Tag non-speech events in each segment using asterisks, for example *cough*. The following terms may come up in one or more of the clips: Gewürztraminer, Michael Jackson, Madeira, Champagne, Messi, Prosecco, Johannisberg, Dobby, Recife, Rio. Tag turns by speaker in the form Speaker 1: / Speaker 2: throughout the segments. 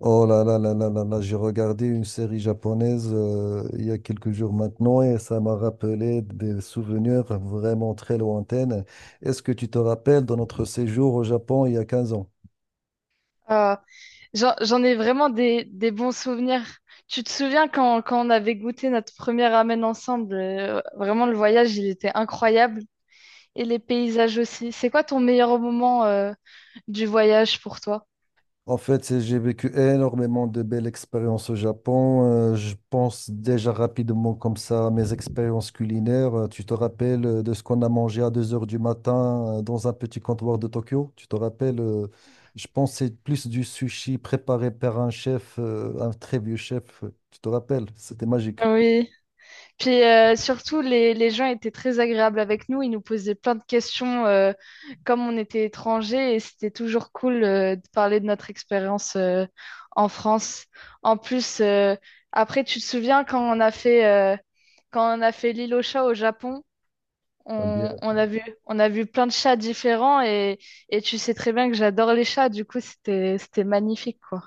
Speaker 1: Oh là là là là là là, j'ai regardé une série japonaise il y a quelques jours maintenant et ça m'a rappelé des souvenirs vraiment très lointains. Est-ce que tu te rappelles de notre séjour au Japon il y a 15 ans?
Speaker 2: Euh, j'en ai vraiment des bons souvenirs. Tu te souviens quand on avait goûté notre premier ramen ensemble, vraiment le voyage, il était incroyable. Et les paysages aussi. C'est quoi ton meilleur moment, du voyage pour toi?
Speaker 1: En fait, j'ai vécu énormément de belles expériences au Japon. Je pense déjà rapidement comme ça à mes expériences culinaires. Tu te rappelles de ce qu'on a mangé à 2 heures du matin dans un petit comptoir de Tokyo? Tu te rappelles, je pense que c'est plus du sushi préparé par un chef, un très vieux chef. Tu te rappelles? C'était magique.
Speaker 2: Oui. Puis surtout, les gens étaient très agréables avec nous. Ils nous posaient plein de questions comme on était étrangers et c'était toujours cool de parler de notre expérience en France. En plus, après, tu te souviens quand on a fait, quand on a fait l'île aux chats au Japon, on a vu, on a vu plein de chats différents et tu sais très bien que j'adore les chats. Du coup, c'était magnifique, quoi.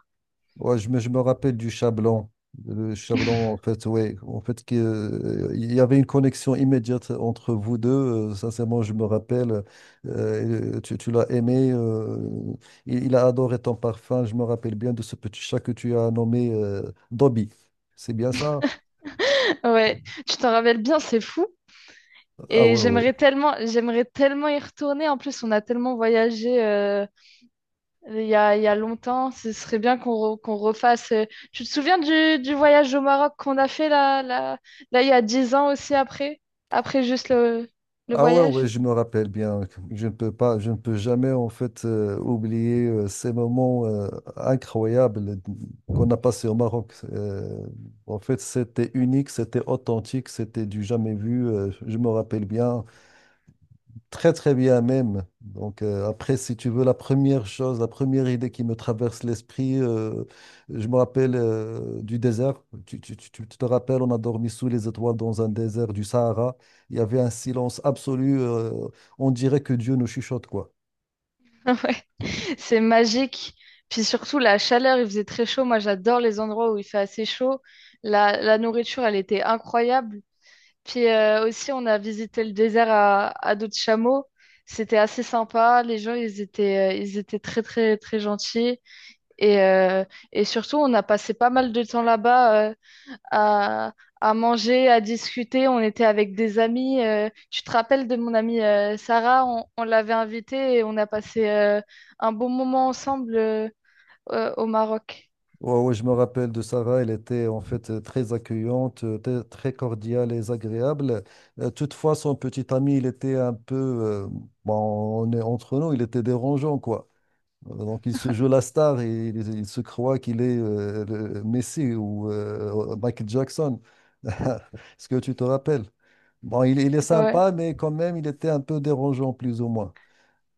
Speaker 1: Ouais, je me rappelle du chat blanc. Le chat blanc, en fait, ouais. En fait, il y avait une connexion immédiate entre vous deux. Sincèrement, je me rappelle. Tu l'as aimé. Il a adoré ton parfum. Je me rappelle bien de ce petit chat que tu as nommé Dobby. C'est bien ça?
Speaker 2: *laughs* Ouais, tu t'en rappelles bien, c'est fou.
Speaker 1: Ah
Speaker 2: Et
Speaker 1: ouais, ouais.
Speaker 2: j'aimerais tellement y retourner. En plus, on a tellement voyagé il y a longtemps. Ce serait bien qu'on qu'on refasse. Tu te souviens du voyage au Maroc qu'on a fait là, il y a 10 ans aussi après, après juste le
Speaker 1: Ah ouais,
Speaker 2: voyage?
Speaker 1: ouais, je me rappelle bien. Je ne peux pas, je ne peux jamais en fait oublier ces moments incroyables qu'on a passés au Maroc. En fait, c'était unique, c'était authentique, c'était du jamais vu. Je me rappelle bien. Très, très bien même. Donc, après, si tu veux, la première chose, la première idée qui me traverse l'esprit, je me rappelle du désert. Tu te rappelles, on a dormi sous les étoiles dans un désert du Sahara. Il y avait un silence absolu. On dirait que Dieu nous chuchote, quoi.
Speaker 2: *laughs* Ouais, c'est magique. Puis surtout, la chaleur, il faisait très chaud. Moi, j'adore les endroits où il fait assez chaud. La nourriture, elle était incroyable. Puis aussi, on a visité le désert à dos de chameau. C'était assez sympa. Les gens, ils étaient très, très, très gentils. Et, euh, et surtout, on a passé pas mal de temps là-bas à, à manger, à discuter. On était avec des amis. Tu te rappelles de mon amie Sarah? On l'avait invitée et on a passé un bon moment ensemble au Maroc.
Speaker 1: Ouais, ouais, je me rappelle de Sarah. Elle était en fait très accueillante, très très cordiale et agréable. Toutefois, son petit ami, il était un peu, bon, on est entre nous, il était dérangeant, quoi. Donc, il se joue la star et il se croit qu'il est le Messi ou Michael Jackson. *laughs* Est-ce que tu te rappelles? Bon, il est
Speaker 2: Ouais.
Speaker 1: sympa, mais quand même, il était un peu dérangeant, plus ou moins.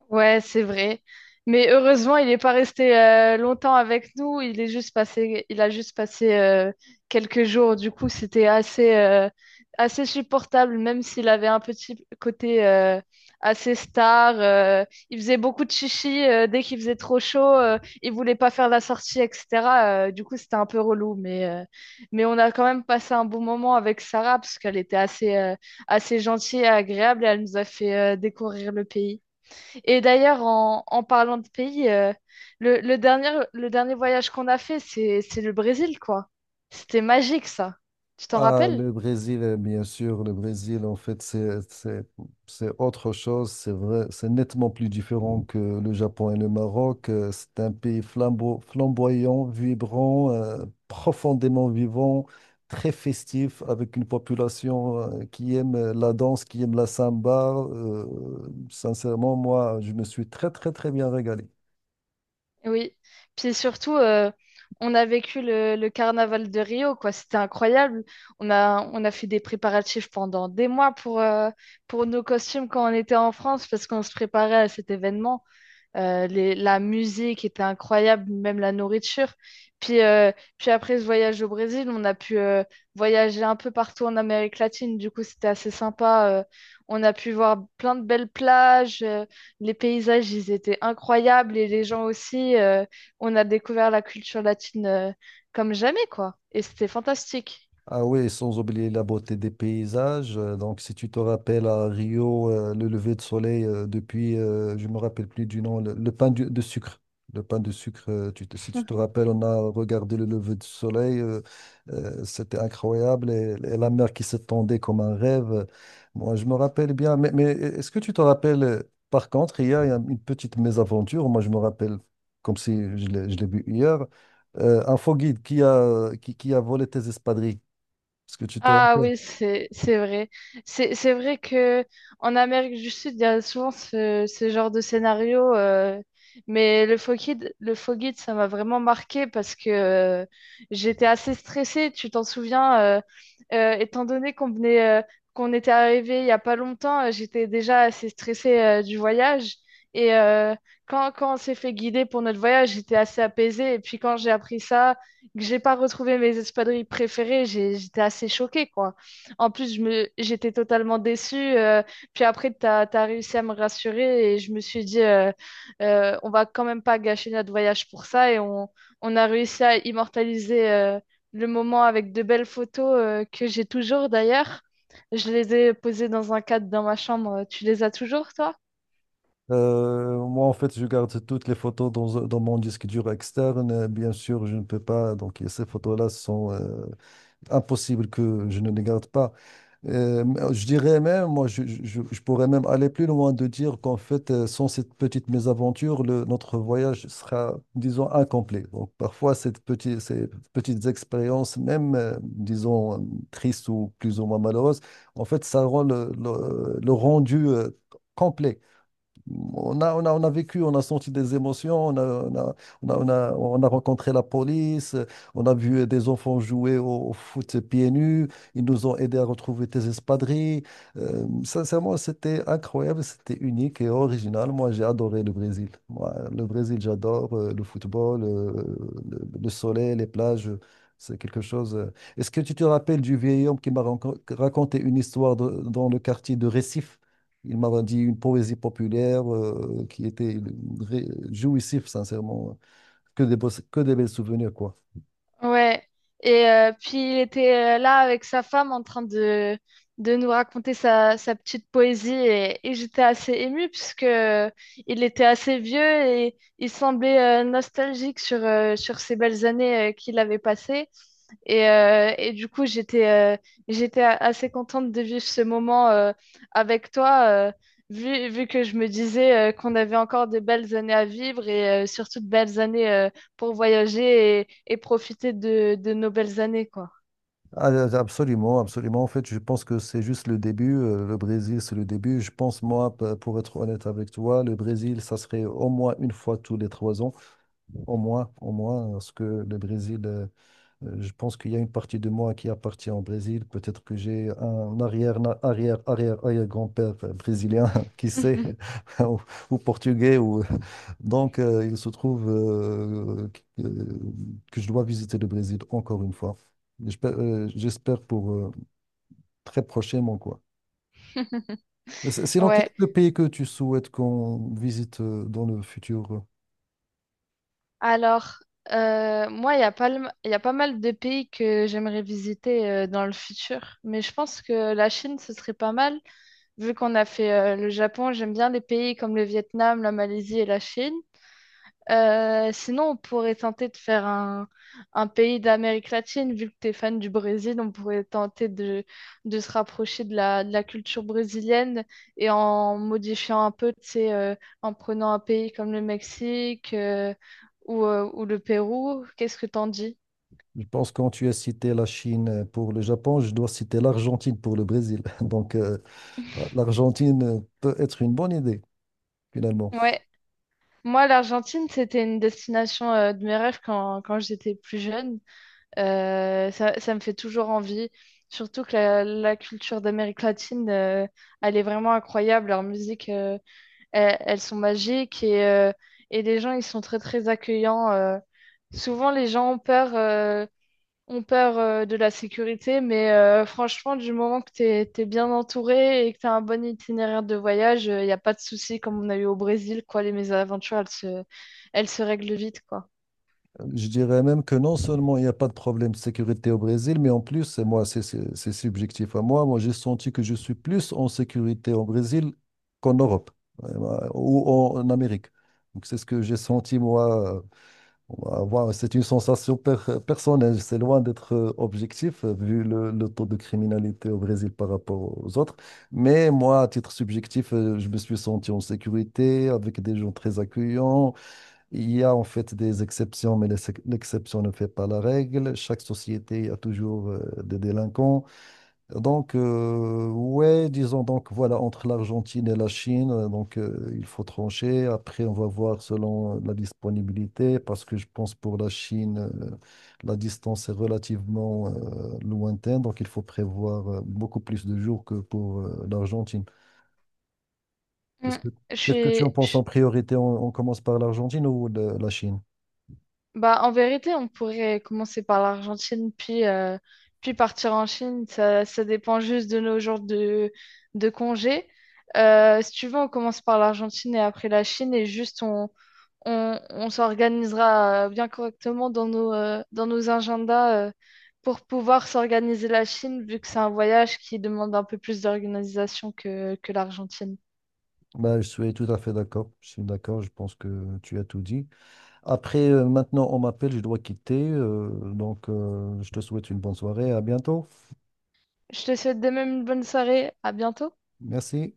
Speaker 2: Ouais, c'est vrai. Mais heureusement, il n'est pas resté longtemps avec nous. Il a juste passé quelques jours. Du coup, c'était assez supportable, même s'il avait un petit côté assez star. Il faisait beaucoup de chichi dès qu'il faisait trop chaud. Il voulait pas faire la sortie, etc. Du coup, c'était un peu relou. Mais on a quand même passé un bon moment avec Sarah parce qu'elle était assez gentille et agréable et elle nous a fait découvrir le pays. Et d'ailleurs, en parlant de pays, le dernier voyage qu'on a fait, c'est le Brésil, quoi. C'était magique, ça. Tu t'en
Speaker 1: Ah,
Speaker 2: rappelles?
Speaker 1: le Brésil, bien sûr, le Brésil, en fait, c'est autre chose, c'est vrai, c'est nettement plus différent que le Japon et le Maroc. C'est un pays flamboyant, vibrant, profondément vivant, très festif, avec une population qui aime la danse, qui aime la samba. Sincèrement, moi, je me suis très, très, très bien régalé.
Speaker 2: Oui. Puis surtout, on a vécu le carnaval de Rio, quoi. C'était incroyable. On a fait des préparatifs pendant des mois pour nos costumes quand on était en France, parce qu'on se préparait à cet événement. La musique était incroyable, même la nourriture. Puis, euh, Puis après ce voyage au Brésil, on a pu voyager un peu partout en Amérique latine. Du coup, c'était assez sympa. On a pu voir plein de belles plages. Les paysages, ils étaient incroyables et les gens aussi. On a découvert la culture latine comme jamais, quoi. Et c'était fantastique.
Speaker 1: Ah oui, sans oublier la beauté des paysages. Donc, si tu te rappelles à Rio, le lever de soleil depuis, je me rappelle plus du nom, le pain de sucre. Le pain de sucre, si tu te rappelles, on a regardé le lever de soleil. C'était incroyable. Et la mer qui s'étendait comme un rêve. Moi, je me rappelle bien. Mais est-ce que tu te rappelles, par contre, hier, il y a une petite mésaventure. Moi, je me rappelle comme si je l'ai vu hier. Un faux guide qui a volé tes espadrilles. Est-ce que tu te
Speaker 2: Ah
Speaker 1: rappelles?
Speaker 2: oui, c'est vrai. C'est vrai que en Amérique du Sud, il y a souvent ce genre de scénario. Mais le faux guide, ça m'a vraiment marqué parce que j'étais assez stressée. Tu t'en souviens, étant donné qu'on venait, qu'on était arrivé il y a pas longtemps, j'étais déjà assez stressée du voyage. Et euh, Quand on s'est fait guider pour notre voyage, j'étais assez apaisée. Et puis quand j'ai appris ça que j'ai pas retrouvé mes espadrilles préférées, j'étais assez choquée, quoi. En plus, j'étais totalement déçue. Puis après, tu as réussi à me rassurer et je me suis dit, on va quand même pas gâcher notre voyage pour ça. On a réussi à immortaliser le moment avec de belles photos que j'ai toujours d'ailleurs. Je les ai posées dans un cadre dans ma chambre. Tu les as toujours, toi?
Speaker 1: Moi, en fait, je garde toutes les photos dans mon disque dur externe. Bien sûr, je ne peux pas. Donc, ces photos-là sont, impossible que je ne les garde pas. Euh, je dirais même, moi, je pourrais même aller plus loin de dire qu'en fait, sans cette petite mésaventure, notre voyage sera, disons, incomplet. Donc, parfois, ces petites expériences, même, disons, tristes ou plus ou moins malheureuses, en fait, ça rend le rendu, complet. On a vécu, on a senti des émotions, on a, on a, on a rencontré la police, on a vu des enfants jouer au foot pieds nus, ils nous ont aidés à retrouver des espadrilles. Sincèrement, c'était incroyable, c'était unique et original. Moi, j'ai adoré le Brésil. Moi, le Brésil, j'adore le football, le soleil, les plages. C'est quelque chose. Est-ce que tu te rappelles du vieil homme qui m'a raconté une histoire dans le quartier de Recife? Il m'a dit une poésie populaire qui était jouissif, sincèrement. Que des belles souvenirs, quoi.
Speaker 2: Ouais. Puis il était là avec sa femme en train de nous raconter sa petite poésie et j'étais assez émue puisque il était assez vieux et il semblait nostalgique sur ces belles années qu'il avait passées. Et du coup, j'étais assez contente de vivre ce moment avec toi, vu que je me disais qu'on avait encore de belles années à vivre surtout de belles années pour voyager et profiter de nos belles années, quoi.
Speaker 1: Ah, ah, absolument, absolument. En fait, je pense que c'est juste le début. Le Brésil, c'est le début. Je pense, moi, pour être honnête avec toi, le Brésil, ça serait au moins une fois tous les 3 ans. Au moins, parce que le Brésil, Je pense qu'il y a une partie de moi qui appartient au Brésil. Peut-être que j'ai un arrière, arrière, arrière, arrière grand-père brésilien, *laughs* qui sait,
Speaker 2: *laughs*
Speaker 1: *laughs* ou, ou portugais. Donc, il se trouve que, que je dois visiter le Brésil encore une fois. J'espère pour très prochainement, quoi. C'est dans quel
Speaker 2: Ouais.
Speaker 1: est le pays que tu souhaites qu'on visite dans le futur?
Speaker 2: Alors, moi, il y a pas mal de pays que j'aimerais visiter dans le futur, mais je pense que la Chine, ce serait pas mal, vu qu'on a fait le Japon. J'aime bien les pays comme le Vietnam, la Malaisie et la Chine. Sinon, on pourrait tenter de faire un pays d'Amérique latine, vu que tu es fan du Brésil, on pourrait tenter de se rapprocher de de la culture brésilienne et en modifiant un peu, tu sais, en prenant un pays comme le Mexique ou le Pérou. Qu'est-ce que t'en dis?
Speaker 1: Je pense que quand tu as cité la Chine pour le Japon, je dois citer l'Argentine pour le Brésil. *laughs* Donc, l'Argentine peut être une bonne idée, finalement.
Speaker 2: Ouais, moi l'Argentine, c'était une destination de mes rêves quand, quand j'étais plus jeune. Ça me fait toujours envie. Surtout que la culture d'Amérique latine, elle est vraiment incroyable. Leur musique, elles sont magiques et les gens, ils sont très, très accueillants. Souvent, les gens ont peur de la sécurité, mais franchement, du moment que t'es bien entouré et que t'as un bon itinéraire de voyage, il n'y a pas de souci comme on a eu au Brésil, quoi. Les mésaventures, elles se règlent vite, quoi.
Speaker 1: Je dirais même que non seulement il n'y a pas de problème de sécurité au Brésil, mais en plus, et moi, c'est subjectif à moi, moi j'ai senti que je suis plus en sécurité au Brésil qu'en Europe ou en Amérique. Donc c'est ce que j'ai senti moi. C'est une sensation personnelle, c'est loin d'être objectif vu le taux de criminalité au Brésil par rapport aux autres. Mais moi, à titre subjectif, je me suis senti en sécurité avec des gens très accueillants. Il y a en fait des exceptions, mais l'exception ne fait pas la règle. Chaque société a toujours des délinquants. Donc, ouais, disons donc, voilà, entre l'Argentine et la Chine, donc il faut trancher. Après, on va voir selon la disponibilité, parce que je pense pour la Chine, la distance est relativement lointaine, donc il faut prévoir beaucoup plus de jours que pour l'Argentine.
Speaker 2: Mm.
Speaker 1: Qu'est-ce que,
Speaker 2: Je
Speaker 1: qu'est-ce que tu
Speaker 2: suis,
Speaker 1: en penses en
Speaker 2: je…
Speaker 1: priorité? On commence par l'Argentine ou la Chine?
Speaker 2: Bah, en vérité, on pourrait commencer par l'Argentine, puis partir en Chine. Ça dépend juste de nos jours de congé. Si tu veux, on commence par l'Argentine et après la Chine, et juste on s'organisera bien correctement dans dans nos agendas pour pouvoir s'organiser la Chine, vu que c'est un voyage qui demande un peu plus d'organisation que l'Argentine.
Speaker 1: Bah, je suis tout à fait d'accord. Je suis d'accord, je pense que tu as tout dit. Après, maintenant, on m'appelle, je dois quitter. Donc, je te souhaite une bonne soirée. À bientôt.
Speaker 2: Je te souhaite de même une bonne soirée. À bientôt.
Speaker 1: Merci.